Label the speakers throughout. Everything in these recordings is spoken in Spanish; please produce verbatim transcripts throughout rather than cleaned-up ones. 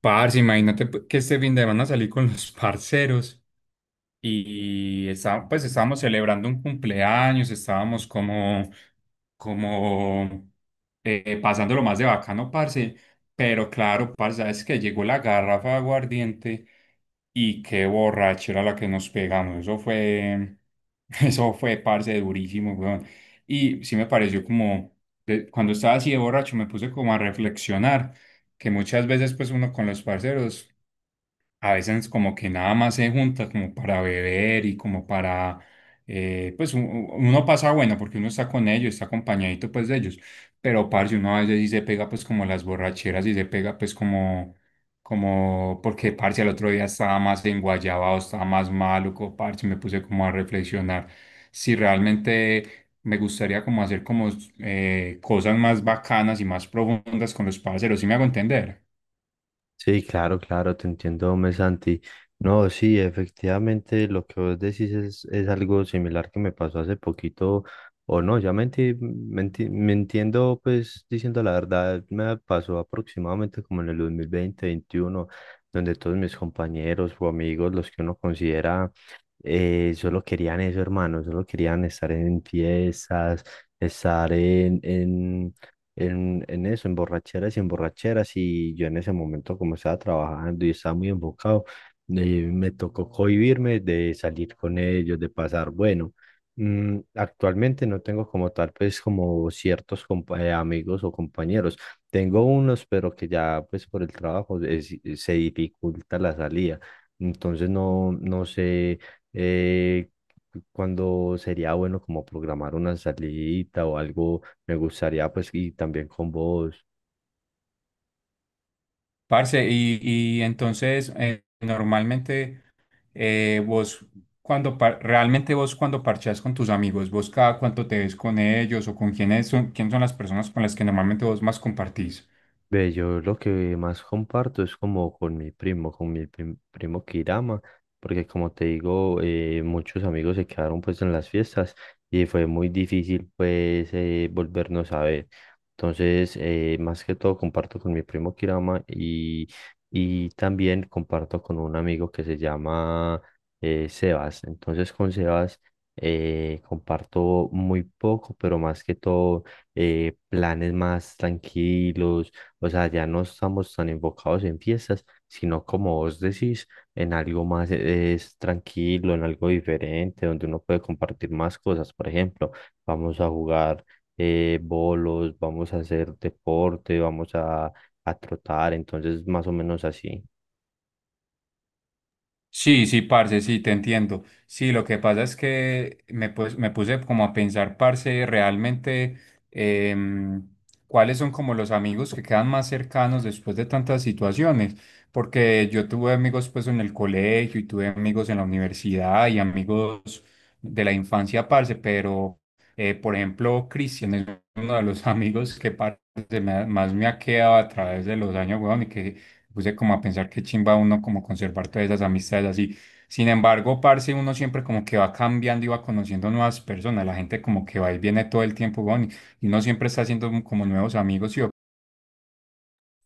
Speaker 1: Parce, imagínate pues, que este fin de semana salí con los parceros y está- pues estábamos celebrando un cumpleaños, estábamos como, como eh, pasándolo más de bacano, parce, pero claro, parce, sabes que llegó la garrafa de aguardiente y qué borrachera la que nos pegamos, eso fue, eso fue, parce, durísimo, weón. Y sí me pareció como, de- cuando estaba así de borracho me puse como a reflexionar que muchas veces pues uno con los parceros a veces como que nada más se junta como para beber y como para, eh, pues u- u- uno pasa bueno porque uno está con ellos, está acompañadito pues de ellos, pero parce, uno a veces sí se pega pues como las borracheras y se pega pues como, como, porque parce el otro día estaba más enguayabado, estaba más maluco, parce, me puse como a reflexionar si realmente... Me gustaría como hacer como eh, cosas más bacanas y más profundas con los parceros, ¿sí me hago entender?
Speaker 2: Sí, claro, claro, te entiendo, hombre, Santi. No, sí, efectivamente, lo que vos decís es, es algo similar que me pasó hace poquito. O no, ya me, enti- me enti- me entiendo, pues, diciendo la verdad, me pasó aproximadamente como en el dos mil veinte, veintiuno, donde todos mis compañeros o amigos, los que uno considera, eh, solo querían eso, hermano, solo querían estar en fiestas, estar en, en en, en eso, en borracheras y en borracheras, y yo en ese momento como estaba trabajando y estaba muy enfocado. Eh, me tocó cohibirme de salir con ellos, de pasar, bueno, mm, actualmente no tengo como tal, pues como ciertos compa- eh, amigos o compañeros, tengo unos, pero que ya pues por el trabajo es- se dificulta la salida, entonces no, no sé... Eh, Cuándo sería bueno como programar una salidita o algo me gustaría, pues, y también con vos.
Speaker 1: Parce, y, y entonces eh, normalmente eh, vos cuando par- realmente vos cuando parchás con tus amigos, vos cada cuánto te ves con ellos o con quiénes son, quién son las personas con las que normalmente vos más compartís.
Speaker 2: Ve, yo lo que más comparto es como con mi primo, con mi prim- primo Kirama, porque como te digo, eh, muchos amigos se quedaron pues en las fiestas y fue muy difícil pues eh, volvernos a ver. Entonces, eh, más que todo comparto con mi primo Kirama y, y también comparto con un amigo que se llama eh, Sebas. Entonces, con Sebas eh, comparto muy poco, pero más que todo eh, planes más tranquilos. O sea, ya no estamos tan enfocados en fiestas, sino como vos decís, en algo más eh, es tranquilo, en algo diferente, donde uno puede compartir más cosas. Por ejemplo, vamos a jugar eh, bolos, vamos a hacer deporte, vamos a, a trotar, entonces más o menos así.
Speaker 1: Sí, sí, parce, sí, te entiendo. Sí, lo que pasa es que me, pues, me puse como a pensar, parce, realmente em, cuáles son como los amigos que quedan más cercanos después de tantas situaciones. Porque yo tuve amigos pues en el colegio y tuve amigos en la universidad y amigos de la infancia, parce, pero eh, por ejemplo, Cristian es uno de los amigos que parce, me ha- más me ha quedado a través de los años, weón, y que puse como a pensar que chimba uno como conservar todas esas amistades así. Sin embargo, parce, uno siempre como que va cambiando y va conociendo nuevas personas. La gente como que va y viene todo el tiempo, weón, y y uno siempre está haciendo como nuevos amigos, ¿sí?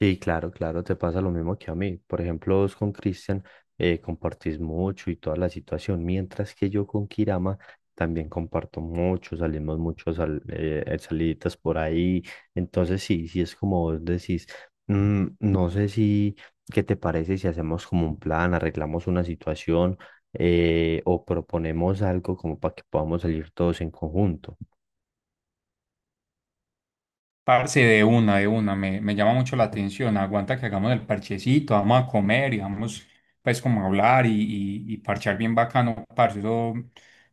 Speaker 2: Sí, claro, claro, te pasa lo mismo que a mí. Por ejemplo, vos con Cristian eh, compartís mucho y toda la situación, mientras que yo con Kirama también comparto mucho, salimos mucho sal- eh, eh, saliditas por ahí. Entonces, sí, sí es como vos decís, mm, no sé si, ¿qué te parece si hacemos como un plan, arreglamos una situación, eh, o proponemos algo como para que podamos salir todos en conjunto?
Speaker 1: Parce, de una, de una, me, me llama mucho la atención. Aguanta que hagamos el parchecito, vamos a comer y vamos, pues, como a hablar y, y- y parchar bien bacano, parce. Eso,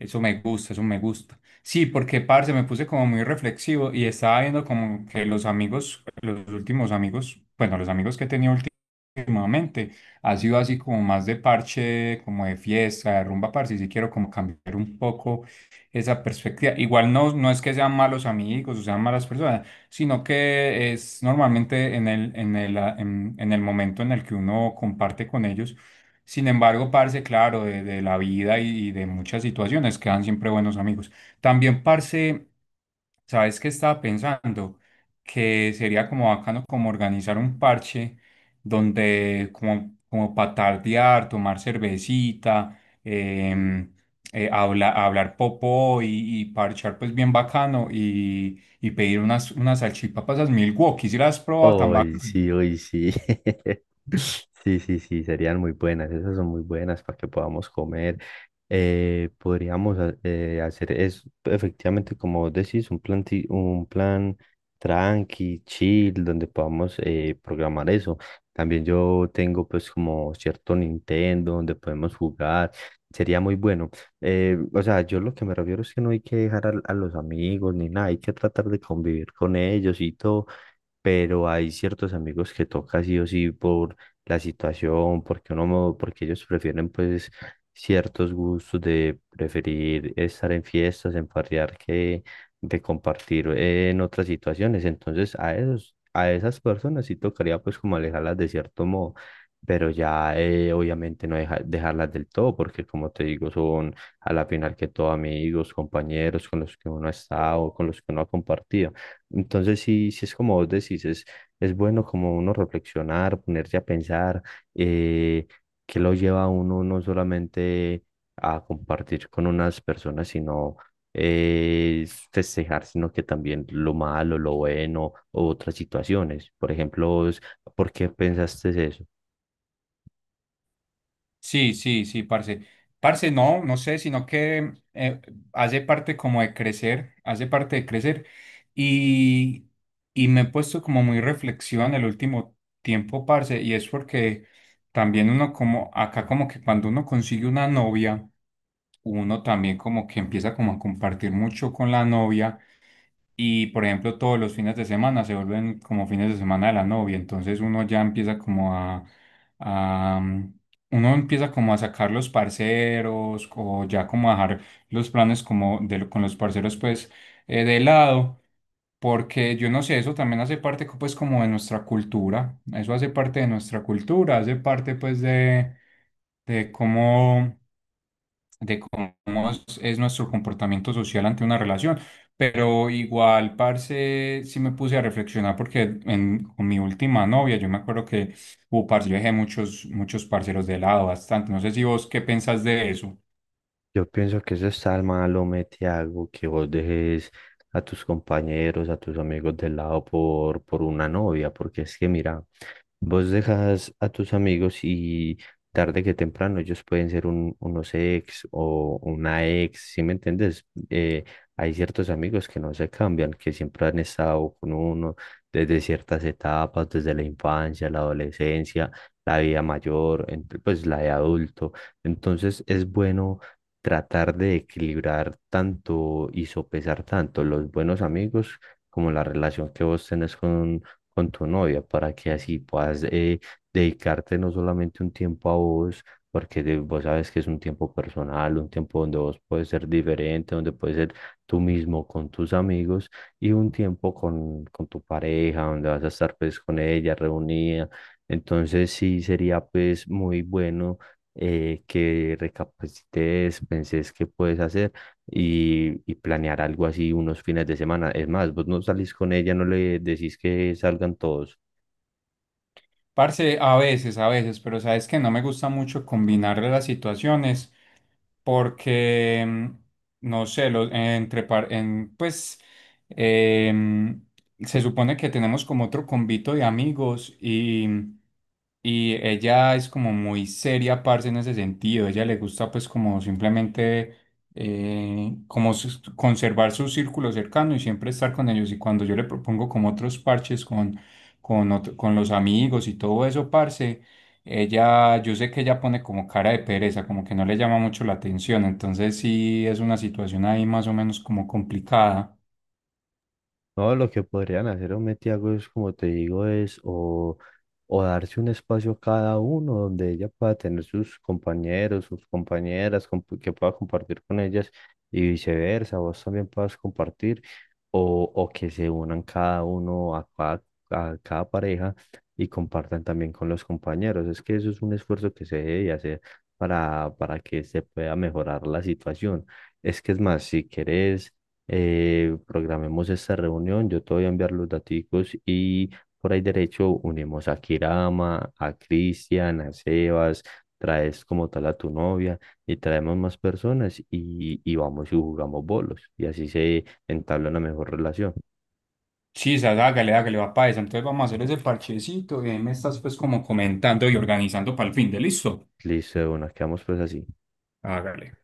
Speaker 1: eso me gusta, eso me gusta. Sí, porque, parce, me puse como muy reflexivo y estaba viendo como que los amigos, los últimos amigos, bueno, los amigos que he tenido últim- últimamente, ha sido así como más de parche, como de fiesta, de rumba, parce. Y sí quiero como cambiar un poco esa perspectiva. Igual no, no es que sean malos amigos o sean malas personas sino que es normalmente en el, en el, ah, en, en el momento en el que uno comparte con ellos. Sin embargo, parce, claro, de, de la vida y, y de muchas situaciones quedan siempre buenos amigos. También, parce, ¿sabes qué estaba pensando? Que sería como bacano como organizar un parche donde como, como patardear, tomar cervecita, em, eh, habla- hablar popó y, y parchar pues bien bacano y, y pedir unas, unas salchipapas al Milwaukee. ¿Si las has probado tan
Speaker 2: Hoy
Speaker 1: bacano?
Speaker 2: sí, hoy sí. Sí, sí, sí, serían muy buenas. Esas son muy buenas para que podamos comer. Eh, podríamos ha- eh, hacer es efectivamente, como vos decís, un plan, ti- un plan tranqui, chill, donde podamos eh, programar eso. También yo tengo pues como cierto Nintendo donde podemos jugar. Sería muy bueno. Eh, o sea, yo lo que me refiero es que no hay que dejar al- a los amigos ni nada, hay que tratar de convivir con ellos y todo, pero hay ciertos amigos que toca sí o sí por la situación, porque uno, mo- porque ellos prefieren pues ciertos gustos de preferir estar en fiestas, en farrear que de compartir en otras situaciones. Entonces a esos, a esas personas sí tocaría pues como alejarlas de cierto modo. Pero ya eh, obviamente no deja- dejarlas del todo, porque como te digo, son a la final que todo amigos, compañeros con los que uno ha estado, con los que uno ha compartido. Entonces, sí, sí es como vos decís, es, es bueno como uno reflexionar, ponerse a pensar, eh, que lo lleva a uno no solamente a compartir con unas personas, sino eh, festejar, sino que también lo malo, lo bueno, u otras situaciones. Por ejemplo, vos, ¿por qué pensaste eso?
Speaker 1: Sí, sí, sí, parce. Parce, no, no sé, sino que eh, hace parte como de crecer, hace parte de crecer y, y me he puesto como muy reflexión el último tiempo, parce, y es porque también uno como, acá como que cuando uno consigue una novia, uno también como que empieza como a compartir mucho con la novia y por ejemplo, todos los fines de semana se vuelven como fines de semana de la novia, entonces uno ya empieza como a, a, mm, uno empieza como a sacar los parceros o ya como a dejar los planes como de, lo- con los parceros pues eh, de lado, porque yo no sé, eso también hace parte co- pues como de nuestra cultura, eso hace parte de nuestra cultura, hace parte pues de, de cómo de cómo es, es nuestro comportamiento social ante una relación. Pero igual, parce, sí me puse a reflexionar porque en, con mi última novia, yo me acuerdo que, uh, parce, yo dejé muchos, muchos parceros de lado bastante. No sé si vos qué pensás de eso.
Speaker 2: Yo pienso que eso está al malo, Metiago, que vos dejes a tus compañeros, a tus amigos de lado por, por una novia, porque es que mira, vos dejas a tus amigos y tarde que temprano ellos pueden ser un, unos ex o una ex, ¿sí me entiendes? Eh, hay ciertos amigos que no se cambian, que siempre han estado con uno desde ciertas etapas, desde la infancia, la adolescencia, la vida mayor, ent- pues la de adulto. Entonces es bueno tratar de equilibrar tanto y sopesar tanto los buenos amigos como la relación que vos tenés con, con tu novia, para que así puedas eh, dedicarte no solamente un tiempo a vos, porque de- vos sabes que es un tiempo personal, un tiempo donde vos puedes ser diferente, donde puedes ser tú mismo con tus amigos y un tiempo con, con tu pareja, donde vas a estar pues con ella reunida. Entonces sí sería pues muy bueno, eh, que recapacites, penses qué puedes hacer y, y planear algo así unos fines de semana. Es más, vos no salís con ella, no le decís que salgan todos.
Speaker 1: Parce, a veces, a veces, pero sabes que no me gusta mucho combinar las situaciones porque, mm, no sé, lo- entre par- en, pues em, se supone que tenemos como otro convito de amigos y, mm, y ella es como muy seria, parce, en ese sentido. Ella le gusta pues como simplemente eh, como sus- conservar su círculo cercano y siempre estar con ellos. Y cuando yo le propongo como otros parches con, con, otro- con los amigos y todo eso, parce. Ella, yo sé que ella pone como cara de pereza, como que no le llama mucho la atención, entonces sí es una situación ahí más o menos como complicada.
Speaker 2: No, lo que podrían hacer o Metiago es, como te digo, es o, o darse un espacio cada uno donde ella pueda tener sus compañeros, sus compañeras, comp- que pueda compartir con ellas y viceversa, vos también puedas compartir, o, o que se unan cada uno a cada, a cada pareja y compartan también con los compañeros. Es que eso es un esfuerzo que se debe hacer para, para que se pueda mejorar la situación. Es que es más, si quieres eh, programemos esta reunión, yo te voy a enviar los daticos y por ahí derecho unimos a Kirama, a Cristian, a Sebas, traes como tal a tu novia y traemos más personas y, y vamos y jugamos bolos y así se entabla una mejor relación.
Speaker 1: Sí Chisas, hágale, hágale, va para esa. Entonces vamos a hacer ese parchecito y ahí me estás pues como comentando y organizando para el fin de listo.
Speaker 2: Listo, de una, quedamos pues así.
Speaker 1: Hágale.